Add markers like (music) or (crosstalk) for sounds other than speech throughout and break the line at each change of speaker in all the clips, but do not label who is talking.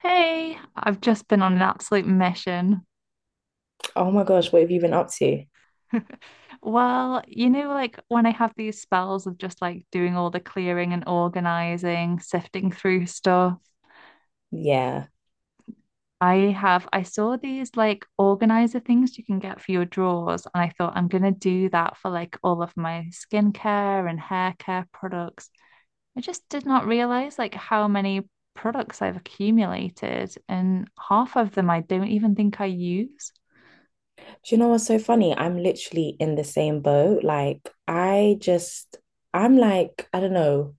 Hey, I've just been on an absolute mission.
Oh my gosh, what have you been up to?
(laughs) Well, you know, like when I have these spells of just like doing all the clearing and organizing, sifting through stuff,
Yeah.
I saw these like organizer things you can get for your drawers, and I thought I'm gonna do that for like all of my skincare and hair care products. I just did not realize like how many products I've accumulated, and half of them I don't even think I use.
Do you know what's so funny? I'm literally in the same boat. Like, I just, I'm like, I don't know,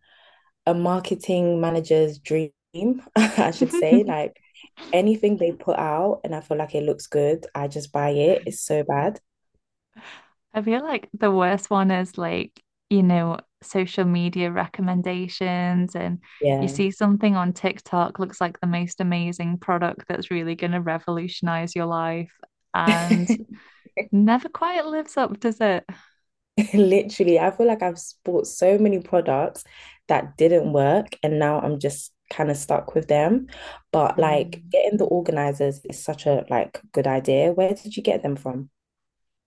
a marketing manager's dream, (laughs) I should say.
(laughs)
Like, anything they put out and I feel like it looks good, I just buy it. It's so bad.
I feel like the worst one is like, you know, social media recommendations and you
Yeah.
see something on TikTok looks like the most amazing product that's really going to revolutionize your life and
(laughs)
never quite lives up, does it?
(laughs) Literally, I feel like I've bought so many products that didn't work, and now I'm just kind of stuck with them. But like
Mm.
getting the organizers is such a like good idea. Where did you get them from?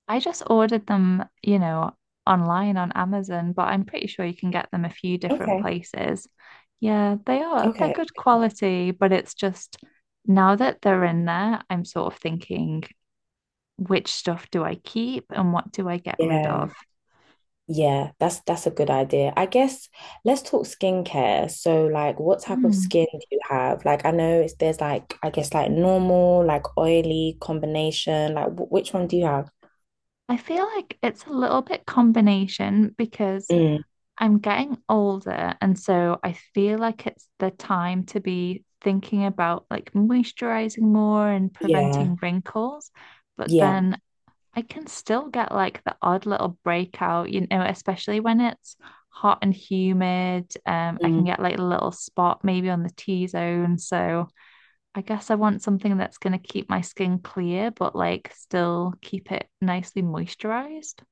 I just ordered them, you know, online on Amazon, but I'm pretty sure you can get them a few different
Okay.
places. Yeah, they are. They're
Okay.
good quality, but it's just now that they're in there, I'm sort of thinking, which stuff do I keep and what do I get rid of?
Yeah. Yeah, that's a good idea. I guess let's talk skincare. So like what type of
Hmm.
skin do you have? Like I know it's, there's like I guess like normal, like oily combination. Like which one do you have?
I feel like it's a little bit combination because
Mm,
I'm getting older, and so I feel like it's the time to be thinking about like moisturizing more and
yeah.
preventing wrinkles. But
Yeah.
then I can still get like the odd little breakout, you know, especially when it's hot and humid. I can get like a little spot maybe on the T-zone. So I guess I want something that's going to keep my skin clear, but like still keep it nicely moisturized.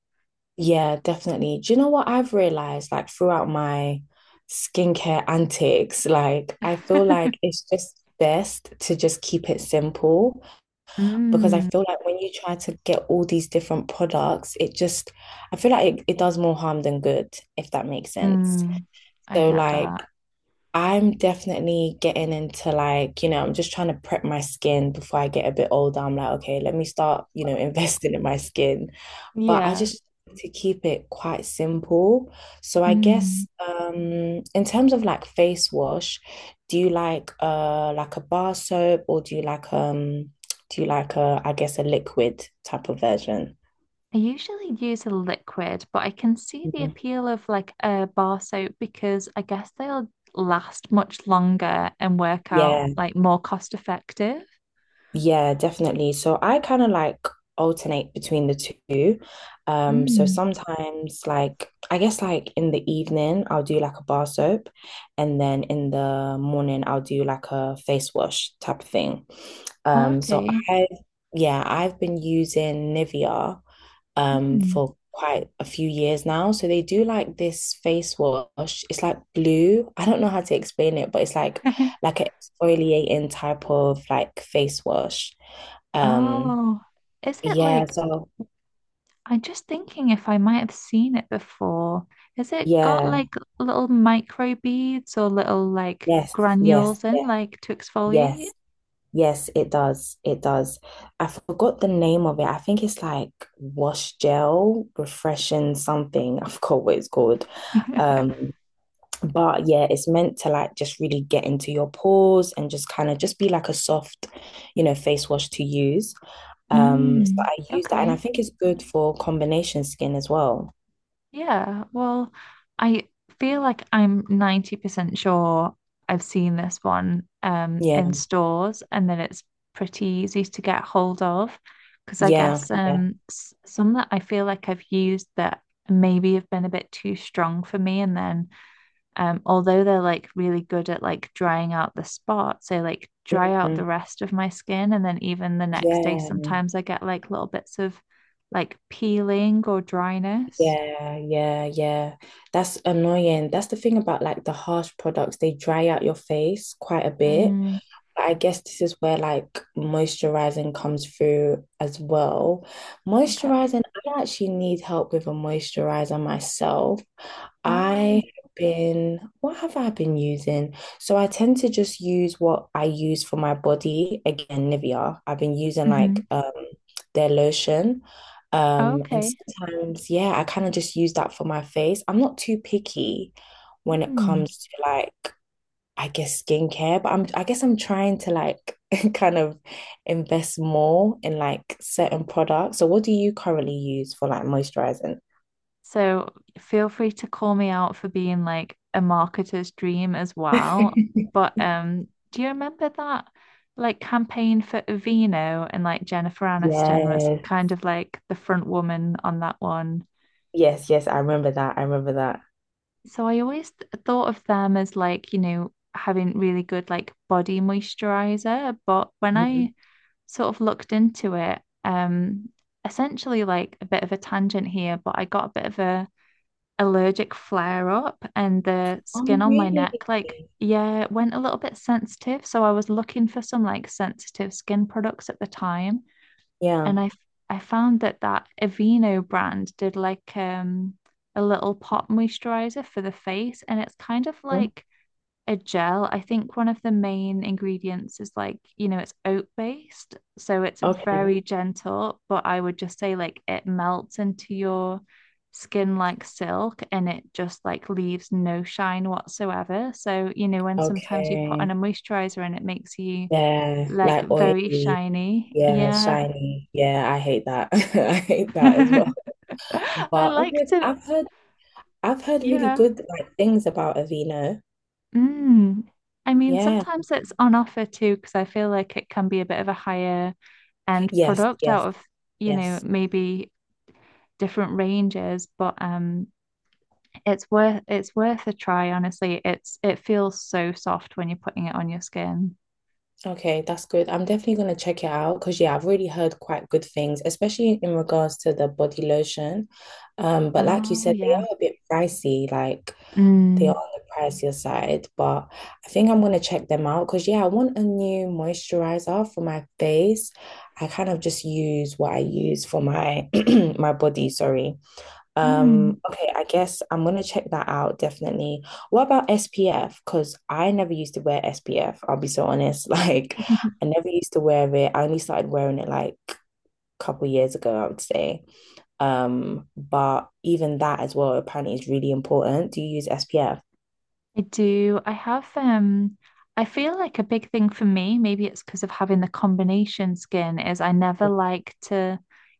Yeah, definitely. Do you know what I've realized like throughout my skincare antics? Like, I feel
(laughs)
like it's just best to just keep it simple because I
Mm,
feel like when you try to get all these different products, it just, I feel like it does more harm than good, if that makes sense.
mm, I
So,
get
like,
that.
I'm definitely getting into like, you know, I'm just trying to prep my skin before I get a bit older. I'm like, okay, let me start, you know, (laughs) investing in my skin. But I
Yeah.
just like to keep it quite simple. So I
Mm.
guess in terms of like face wash, do you like a bar soap or do you like a I guess a liquid type of version?
I usually use a liquid, but I can see the
Mhm.
appeal of like a bar soap because I guess they'll last much longer and work out
Yeah.
like more cost effective.
Yeah, definitely. So I kind of like alternate between the two. So
Mm.
sometimes like I guess like in the evening I'll do like a bar soap and then in the morning I'll do like a face wash type of thing.
Oh,
So
okay.
I yeah, I've been using Nivea
Mm.
for quite a few years now. So they do like this face wash. It's like blue. I don't know how to explain it, but it's
(laughs)
like an exfoliating type of like face wash. Um,
Oh, is it
yeah,
like
so
I'm just thinking if I might have seen it before. Has it got
yeah,
like little micro beads or little like
yes, yes,
granules in,
yes,
like to
yes,
exfoliate?
yes, it does. It does. I forgot the name of it. I think it's like wash gel, refreshing something. (laughs) I forgot what it's called. Um, But yeah, it's meant to like just really get into your pores and just kind of just be like a soft, you know, face wash to use. So
Mm,
I use that and I
okay.
think it's good for combination skin as well.
Yeah. Well, I feel like I'm 90% sure I've seen this one in
Yeah,
stores and then it's pretty easy to get hold of because I
yeah,
guess
yeah.
some that I feel like I've used that maybe have been a bit too strong for me and then although they're like really good at like drying out the spots, they like dry out the
Mhm.
rest of my skin. And then even the next day,
Yeah,
sometimes I get like little bits of like peeling or dryness.
yeah, yeah, yeah. That's annoying. That's the thing about like the harsh products, they dry out your face quite a bit.
Mm,
I guess this is where like moisturizing comes through as well.
okay.
Moisturizing, I actually need help with a moisturizer myself. I
Oh,
have been, what have I been using? So I tend to just use what I use for my body. Again, Nivea. I've been using like
hmm.
their lotion. And
Okay.
sometimes, yeah, I kind of just use that for my face. I'm not too picky when it
Mm.
comes to like I guess skincare, but I guess I'm trying to like (laughs) kind of invest more in like certain products. So what do you currently use for like moisturizing?
So feel free to call me out for being like a marketer's dream as well.
(laughs)
But do you remember that like campaign for Aveeno and like Jennifer Aniston was
Yes.
kind of like the front woman on that one?
Yes, yes, I remember that. I remember that.
So I always thought of them as like, you know, having really good like body moisturizer. But when
Mhm.
I sort of looked into it, essentially like a bit of a tangent here, but I got a bit of a allergic flare up and the
Oh,
skin on my
really?
neck, like, yeah, it went a little bit sensitive. So I was looking for some like sensitive skin products at the time.
Yeah.
And I found that that Aveeno brand did like a little pot moisturizer for the face. And it's kind of
Mhm.
like a gel. I think one of the main ingredients is like, you know, it's oat based, so it's
Okay.
very gentle, but I would just say like it melts into your skin like silk and it just like leaves no shine whatsoever. So, you know, when sometimes you put on
Okay.
a moisturizer and it makes you
Yeah,
like
like
very
oily.
shiny.
Yeah,
Yeah.
shiny. Yeah, I hate that. (laughs) I hate that as well.
(laughs) I
But
like
okay,
to,
I've heard really
yeah.
good like things about Aveeno.
Mm. I mean,
Yeah.
sometimes it's on offer too, because I feel like it can be a bit of a higher and
Yes,
product
yes,
out of, you know,
yes.
maybe different ranges, but it's worth a try, honestly. It's it feels so soft when you're putting it on your skin.
Okay, that's good. I'm definitely going to check it out because, yeah, I've already heard quite good things, especially in regards to the body lotion. But like you
Oh
said, they
yeah.
are a bit pricey, they are
Mm.
on the pricier side. But I think I'm going to check them out because, yeah, I want a new moisturizer for my face. I kind of just use what I use for my (clears throat) my body, sorry.
Mm.
Okay, I guess I'm gonna check that out definitely. What about SPF? Because I never used to wear SPF, I'll be so honest. (laughs) Like,
(laughs)
I never used to wear it. I only started wearing it like a couple years ago, I would say. But even that as well apparently is really important. Do you use SPF?
I do. I have I feel like a big thing for me, maybe it's because of having the combination skin, is I never like to,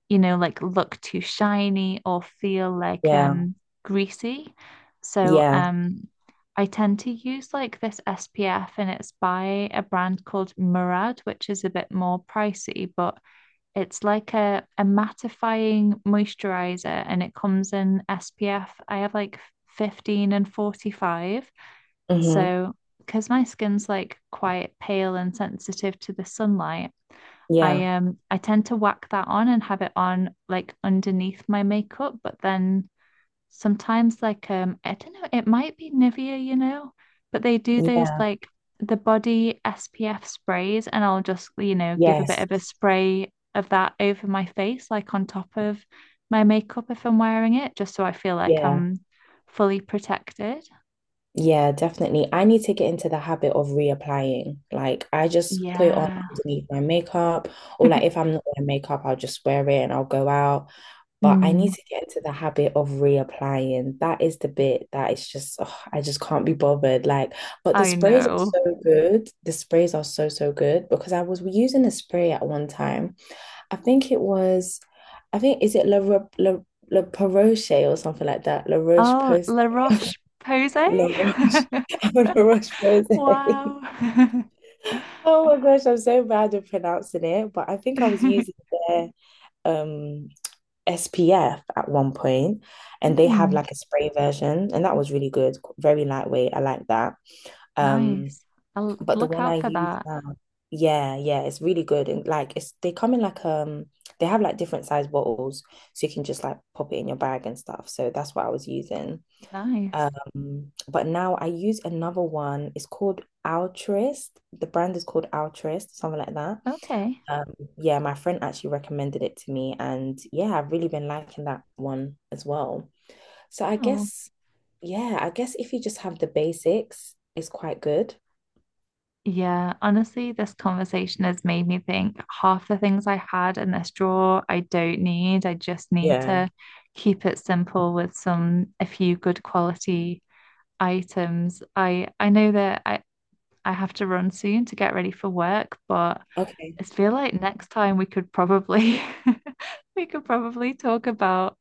you know, like look too shiny or feel like
Yeah,
greasy. So
yeah,
I tend to use like this SPF and it's by a brand called Murad, which is a bit more pricey, but it's like a mattifying moisturizer and it comes in SPF. I have like 15 and 45.
mm-hmm.
So, because my skin's like quite pale and sensitive to the sunlight, I
Yeah,
um I tend to whack that on and have it on like underneath my makeup, but then sometimes like I don't know, it might be Nivea, you know, but they do those
yeah,
like the body SPF sprays and I'll just, you know, give a bit
yes,
of a spray of that over my face, like on top of my makeup if I'm wearing it, just so I feel like
yeah.
I'm fully protected.
Yeah, definitely. I need to get into the habit of reapplying. Like, I just put it on
Yeah. (laughs)
underneath my makeup, or like if I'm not wearing makeup, I'll just wear it and I'll go out. But I need
Mm.
to get into the habit of reapplying. That is the bit that is just, ugh, I just can't be bothered. Like, but the
I
sprays are
know.
so good. The sprays are so, so good because I was using a spray at one time. I think it was, I think, is it La Roche or something like that? La Roche
Oh,
Post.
La Roche-Posay?
La Roche, (laughs) I'm
(laughs)
La Roche Posay. (laughs)
Wow.
Oh my gosh, I'm so bad at pronouncing it, but I think I was using
(laughs)
their um SPF at one point, and they have
Mm,
like a spray version, and that was really good, very lightweight. I like that. Um,
nice. I'll
but the
look
one I
out for
use
that.
now, yeah, yeah, it's really good, and like it's they come in like they have like different size bottles, so you can just like pop it in your bag and stuff. So that's what I was using.
Nice.
But now I use another one. It's called Altruist. The brand is called Altruist, something like that.
Okay.
Yeah, my friend actually recommended it to me, and yeah, I've really been liking that one as well. So I
Oh,
guess, yeah, I guess if you just have the basics, it's quite good.
yeah. Honestly, this conversation has made me think half the things I had in this drawer I don't need. I just need
Yeah.
to keep it simple with some a few good quality items. I know that I have to run soon to get ready for work, but
Okay.
I feel like next time we could probably (laughs) we could probably talk about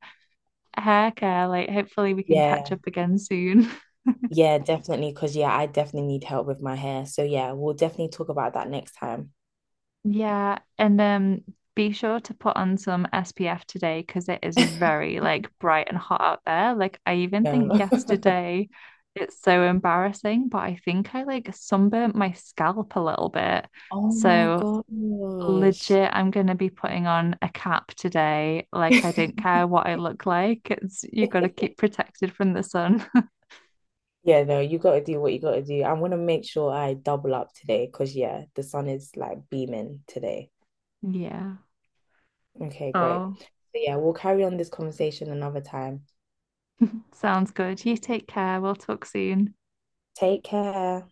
hair care. Like hopefully we can catch
Yeah.
up again soon. (laughs)
Yeah, definitely. Because, yeah, I definitely need help with my hair. So, yeah, we'll definitely talk about that next time.
Yeah, and be sure to put on some SPF today because it is very like bright and hot out there. Like I even
No.
think
(laughs)
yesterday it's so embarrassing, but I think I like sunburnt my scalp a little bit.
Oh my
So
gosh.
legit, I'm gonna be putting on a cap today. Like, I don't care what I look like. It's you gotta keep
(laughs)
protected from the sun. (laughs)
Yeah, no, you gotta do what you gotta do. I'm gonna make sure I double up today because yeah, the sun is like beaming today.
Yeah.
Okay, great.
Oh.
So yeah, we'll carry on this conversation another time.
Sounds good. You take care. We'll talk soon.
Take care.